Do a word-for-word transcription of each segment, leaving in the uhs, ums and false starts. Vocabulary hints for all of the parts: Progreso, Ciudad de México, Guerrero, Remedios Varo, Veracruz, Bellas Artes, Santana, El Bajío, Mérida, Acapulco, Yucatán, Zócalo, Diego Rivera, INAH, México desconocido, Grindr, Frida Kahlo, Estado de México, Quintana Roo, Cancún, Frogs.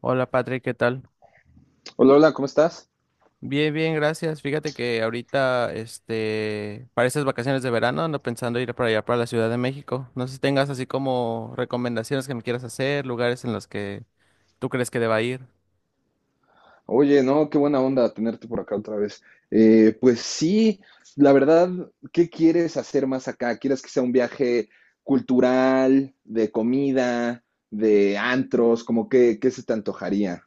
Hola Patrick, ¿qué tal? Hola, hola, ¿cómo estás? Bien, bien, gracias. Fíjate que ahorita, este, para estas vacaciones de verano ando pensando ir para allá, para la Ciudad de México. No sé si tengas así como recomendaciones que me quieras hacer, lugares en los que tú crees que deba ir. Oye, no, qué buena onda tenerte por acá otra vez. Eh, pues sí, la verdad, ¿qué quieres hacer más acá? ¿Quieres que sea un viaje cultural, de comida, de antros? ¿Cómo que, qué qué se te antojaría?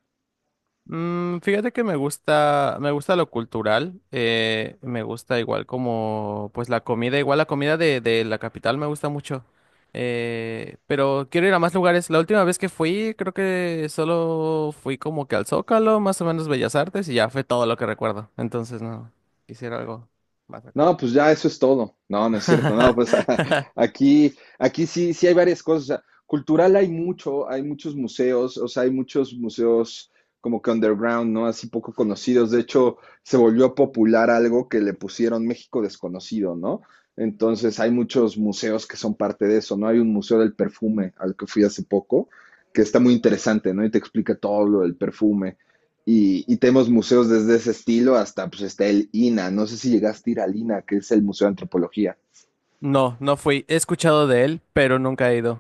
Mm, fíjate que me gusta, me gusta lo cultural, eh, me gusta igual como, pues la comida, igual la comida de, de la capital me gusta mucho, eh, pero quiero ir a más lugares. La última vez que fui, creo que solo fui como que al Zócalo, más o menos Bellas Artes, y ya fue todo lo que recuerdo. Entonces, no, quisiera algo más acá. No, pues ya eso es todo. No, no es cierto. No, pues aquí, aquí sí, sí hay varias cosas. O sea, cultural hay mucho, hay muchos museos, o sea, hay muchos museos como que underground, ¿no? Así poco conocidos. De hecho, se volvió popular algo que le pusieron México desconocido, ¿no? Entonces hay muchos museos que son parte de eso, ¿no? Hay un museo del perfume al que fui hace poco, que está muy interesante, ¿no? Y te explica todo lo del perfume. Y, y tenemos museos desde ese estilo hasta, pues está el I N A. No sé si llegaste a ir al I N A, que es el Museo de Antropología. No, no fui. He escuchado de él, pero nunca he ido.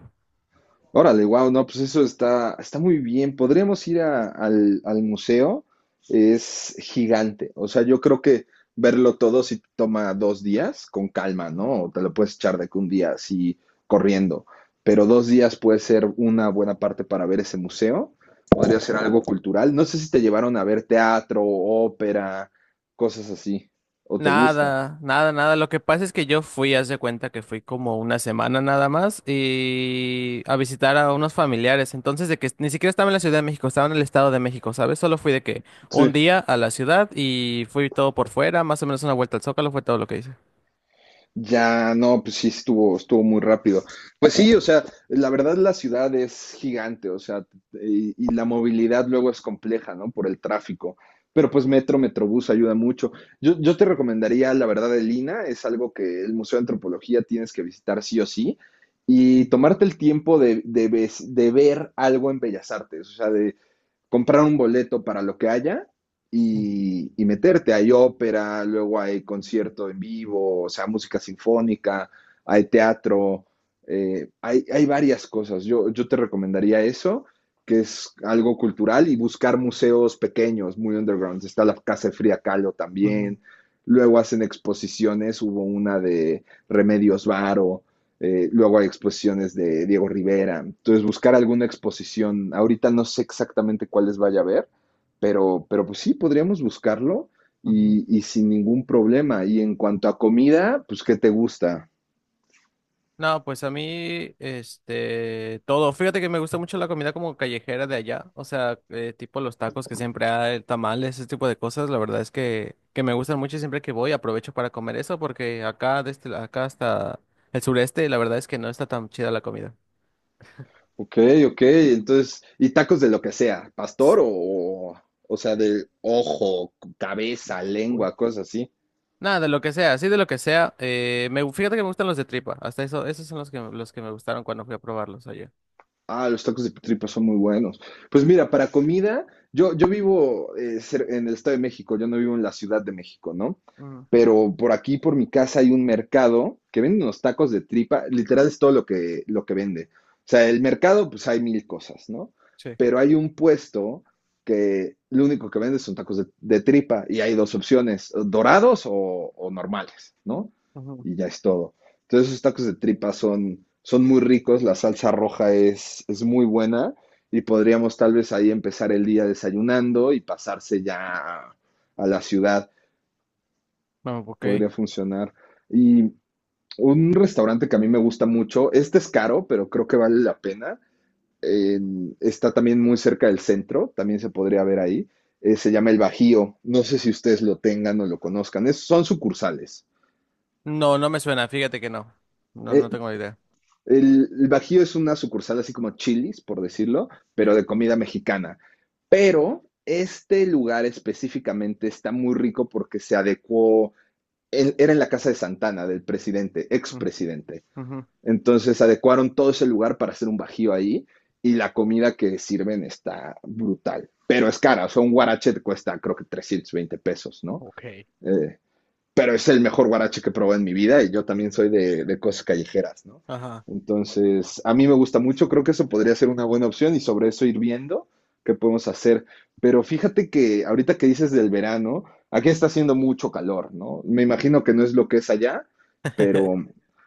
Órale, wow, no, pues eso está, está, muy bien. Podríamos ir a- al, al museo, es gigante. O sea, yo creo que verlo todo si toma dos días con calma, ¿no? O te lo puedes echar de que un día así corriendo. Pero dos días puede ser una buena parte para ver ese museo. Podría ser algo cultural. No sé si te llevaron a ver teatro, ópera, cosas así. ¿O te gusta? Nada, nada, nada. Lo que pasa es que yo fui, haz de cuenta que fui como una semana nada más y a visitar a unos familiares. Entonces, de que ni siquiera estaba en la Ciudad de México, estaba en el Estado de México, ¿sabes? Solo fui de que un día a la ciudad y fui todo por fuera, más o menos una vuelta al Zócalo, fue todo lo que hice. Ya, no, pues sí, estuvo, estuvo muy rápido. Pues sí, o sea, la verdad la ciudad es gigante, o sea, y, y la movilidad luego es compleja, ¿no? Por el tráfico. Pero pues metro, metrobús ayuda mucho. Yo, yo te recomendaría, la verdad, el I N A H, es algo que el Museo de Antropología tienes que visitar sí o sí, y tomarte el tiempo de, de ves- de ver algo en Bellas Artes, o sea, de, comprar un boleto para lo que haya Ujú, y, y meterte. Hay ópera, luego hay concierto en vivo, o sea, música sinfónica, hay teatro, eh, hay, hay, varias cosas. Yo, yo te recomendaría eso, que es algo cultural, y buscar museos pequeños, muy underground. Está la Casa de Fría Kahlo ujú, también. Luego hacen exposiciones, hubo una de Remedios Varo, eh, luego hay exposiciones de Diego Rivera. Entonces, buscar alguna exposición. Ahorita no sé exactamente cuáles vaya a haber, pero, pero, pues sí, podríamos buscarlo ujú. y, y sin ningún problema. Y en cuanto a comida, pues, ¿qué te gusta? No, pues a mí, este, todo. Fíjate que me gusta mucho la comida como callejera de allá, o sea, eh, tipo los tacos que siempre hay, tamales, ese tipo de cosas. La verdad es que, que me gustan mucho y siempre que voy aprovecho para comer eso porque acá, desde acá hasta el sureste, la verdad es que no está tan chida la comida. Ok, ok. Entonces, y tacos de lo que sea, pastor o, o sea, de ojo, cabeza, Uy. lengua, cosas así. Nada, de lo que sea, sí, de lo que sea. Eh, me, fíjate que me gustan los de tripa, hasta eso, esos son los que, los que me gustaron cuando fui a probarlos allá. Ah, los tacos de tripa son muy buenos. Pues mira, para comida, yo, yo vivo eh, cer- en el Estado de México, yo no vivo en la Ciudad de México, ¿no? Mm, Pero por aquí, por mi casa, hay un mercado que vende unos tacos de tripa, literal es todo lo que, lo que vende. O sea, el mercado, pues hay mil cosas, ¿no? sí. Pero hay un puesto que lo único que vende son tacos de, de tripa y hay dos opciones, dorados o, o normales, ¿no? Ujú. Y ya es todo. Entonces esos tacos de tripa son, son, muy ricos, la salsa roja es, es muy buena y podríamos tal vez ahí empezar el día desayunando y pasarse ya a, a la ciudad. No, ok. Podría funcionar. Y un restaurante que a mí me gusta mucho, este es caro, pero creo que vale la pena. eh, está también muy cerca del centro, también se podría ver ahí. eh, se llama El Bajío. No sé si ustedes lo tengan o lo conozcan. es- son sucursales. No, no me suena, fíjate que no. No, no E- tengo idea. El, el Bajío es una sucursal así como Chili's, por decirlo, pero Ya. de comida mexicana. Pero este lugar específicamente está muy rico porque se adecuó, en- era en la casa de Santana, del presidente, Mm, expresidente. ujú. Entonces adecuaron todo ese lugar para hacer un bajío ahí y la comida que sirven está brutal, pero es cara, o sea, un guarache te cuesta creo que trescientos veinte pesos, ¿no? Ok. Eh, pero es el mejor guarache que probé en mi vida y yo también soy de, de, cosas callejeras, ¿no? Ajá. Entonces, a mí me gusta mucho, creo que eso podría ser una buena opción y sobre eso ir viendo qué podemos hacer. Pero fíjate que ahorita que dices del verano, aquí está haciendo mucho calor, ¿no? Me imagino que no es lo que es allá, pero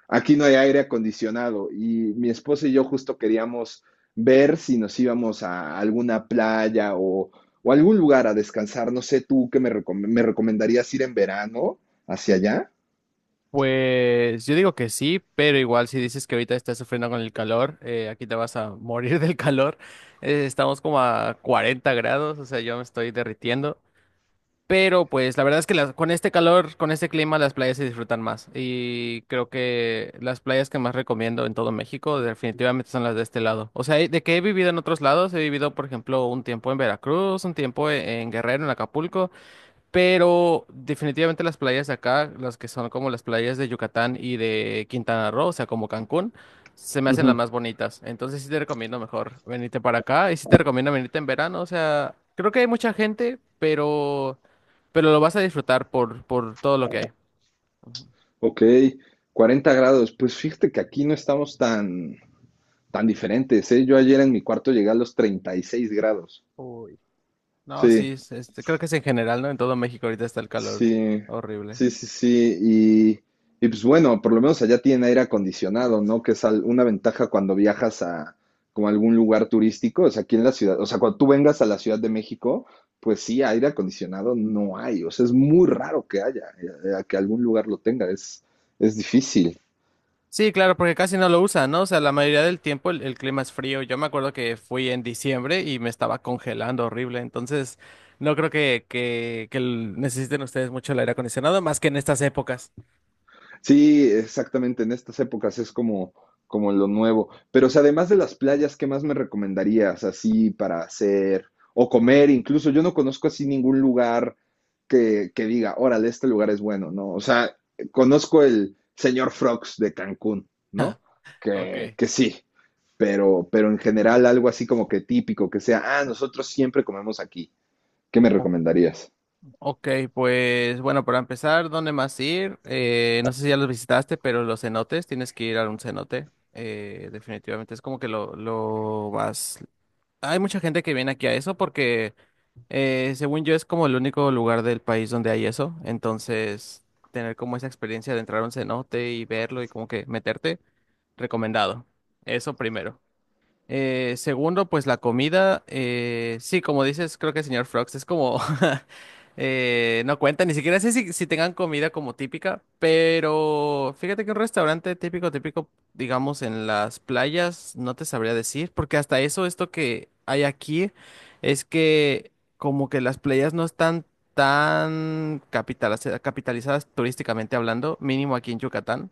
aquí no hay aire acondicionado y mi esposa y yo justo queríamos ver si nos íbamos a alguna playa o, o, algún lugar a descansar. No sé, tú qué me, recom- me recomendarías ir en verano hacia allá. Pues yo digo que sí, pero igual si dices que ahorita estás sufriendo con el calor, eh, aquí te vas a morir del calor. Eh, estamos como a cuarenta grados, o sea, yo me estoy derritiendo. Pero pues la verdad es que las- con este calor, con este clima, las playas se disfrutan más. Y creo que las playas que más recomiendo en todo México definitivamente son las de este lado. O sea, de que he vivido en otros lados, he vivido, por ejemplo, un tiempo en Veracruz, un tiempo en en Guerrero, en Acapulco. Pero definitivamente las playas de acá, las que son como las playas de Yucatán y de Quintana Roo, o sea, como Cancún, se me hacen las Ujú. más bonitas. Entonces sí te recomiendo mejor venirte para acá y sí te recomiendo venirte en verano. O sea, creo que hay mucha gente, pero, pero lo vas a disfrutar por, por todo lo que hay. Ok, cuarenta grados. Pues fíjate que aquí no estamos tan, tan diferentes, ¿eh? Yo ayer en mi cuarto llegué a los treinta y seis grados. Uy. No, sí, Sí, es- este, creo que es en general, ¿no? En todo México ahorita está el calor sí, horrible. sí, sí, sí. Y, y, pues bueno, por lo menos allá tienen aire acondicionado, ¿no? Que es al- una ventaja cuando viajas a como a algún lugar turístico. O sea, aquí en la ciudad, o sea, cuando tú vengas a la Ciudad de México, pues sí, aire acondicionado no hay. O sea, es muy raro que haya, eh, eh, que algún lugar lo tenga. Es, es, difícil. Sí, claro, porque casi no lo usan, ¿no? O sea, la mayoría del tiempo el, el clima es frío. Yo me acuerdo que fui en diciembre y me estaba congelando horrible. Entonces, no creo que, que, que el- necesiten ustedes mucho el aire acondicionado, más que en estas épocas. Sí, exactamente, en estas épocas es como, como lo nuevo. Pero, o sea, además de las playas, ¿qué más me recomendarías así para hacer o Ah, comer? Incluso yo no conozco así ningún lugar que, que, diga, órale, este lugar es bueno, ¿no? O sea, conozco el señor Frogs de Cancún, ¿no? Que, ok. que sí, pero, pero en general algo así como que típico, que sea, ah, nosotros siempre comemos aquí. ¿Qué me O- recomendarías? ok, pues bueno, para empezar, ¿dónde más ir? Eh, no sé si ya los visitaste, pero los cenotes, tienes que ir a un cenote. Eh, definitivamente es como que lo, lo más... Hay mucha gente que viene aquí a eso porque Eh, según yo es como el único lugar del país donde hay eso, entonces tener como esa experiencia de entrar a un cenote y verlo y como que meterte, recomendado. Eso primero. Eh, segundo, pues la comida, eh, sí, como dices, creo que el señor Frogs es como, eh, no cuenta, ni siquiera sé si, si tengan comida como típica, pero fíjate que un restaurante típico, típico, digamos, en las playas, no te sabría decir, porque hasta eso, esto que hay aquí, es que como que las playas no están tan capitaliz- capitalizadas turísticamente hablando, mínimo aquí en Yucatán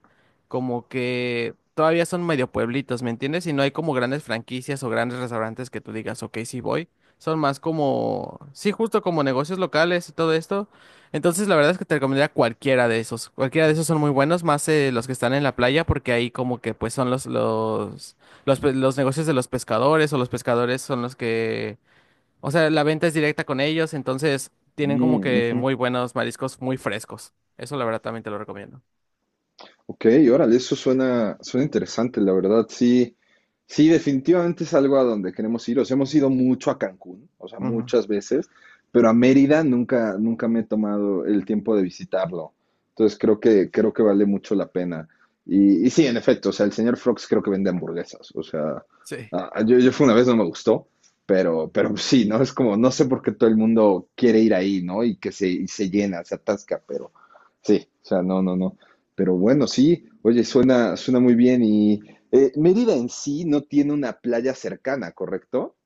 como que todavía son medio pueblitos, ¿me entiendes? Y no hay como grandes franquicias o grandes restaurantes que tú digas, ok, sí voy. Son más como, sí, justo como negocios locales y todo esto. Entonces, la verdad es que te recomendaría cualquiera de esos. Cualquiera de esos son muy buenos, más eh, los que están en la playa, porque ahí como que pues son los, los, los, pe- los negocios de los pescadores o los pescadores son los que, o sea, la venta es directa con ellos, entonces tienen como Mm, que ujú. muy buenos mariscos muy frescos. Eso la verdad también te lo recomiendo. Ok, órale, eso suena, suena interesante, la verdad, sí, sí, definitivamente es algo a donde queremos ir. O sea, hemos ido mucho a Cancún, o sea, Ujú. muchas veces, pero a Mérida nunca, nunca me he tomado el tiempo de visitarlo. Entonces creo que, creo que, vale mucho la pena. Y, y sí, en efecto, o sea, el señor Frogs creo que vende hamburguesas. O sea, Sí. ah, ah, yo, yo, fui una vez, no me gustó, pero, pero sí, ¿no? Es como, no sé por qué todo el mundo quiere ir ahí, ¿no? Y que se, y se llena, se atasca, pero sí, o sea, no, no, no. Pero bueno, sí, oye, suena, suena muy bien. Y eh, Mérida en sí no tiene una playa cercana, ¿correcto?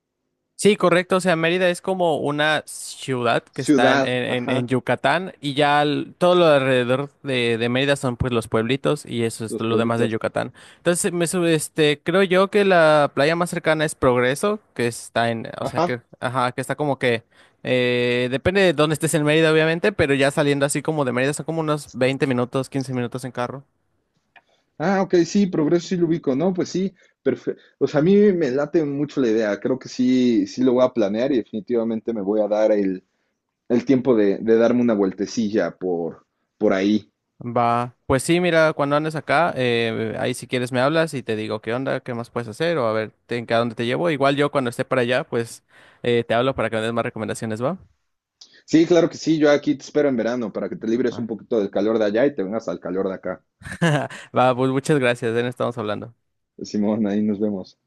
Sí, correcto. O sea, Mérida es como una ciudad que está en, Ciudad, en- en ajá, Yucatán y ya al- todo lo alrededor de, de Mérida son pues los pueblitos y eso es los lo demás de pueblitos, Yucatán. Entonces, me, su- este, creo yo que la playa más cercana es Progreso, que está en, o sea, ajá. que, ajá, que está como que, eh, depende de dónde estés en Mérida, obviamente, pero ya saliendo así como de Mérida son como unos veinte minutos, quince minutos en carro. Ah, ok, sí, Progreso sí lo ubico, ¿no? Pues sí, perfecto. O sea, a mí me late mucho la idea, creo que sí, sí lo voy a planear y definitivamente me voy a dar el, el, tiempo de, de darme una vueltecilla por, por ahí. Va, pues sí, mira, cuando andes acá, eh, ahí si quieres me hablas y te digo qué onda, qué más puedes hacer o a ver te- a dónde te llevo. Igual yo cuando esté para allá, pues eh, te hablo para que me des más recomendaciones, ¿va? Sí, claro que sí, yo aquí te espero en verano para que te libres Va, un poquito del calor de allá y te vengas al calor de acá. va, pues muchas gracias, de estamos hablando. Simón, ahí nos vemos.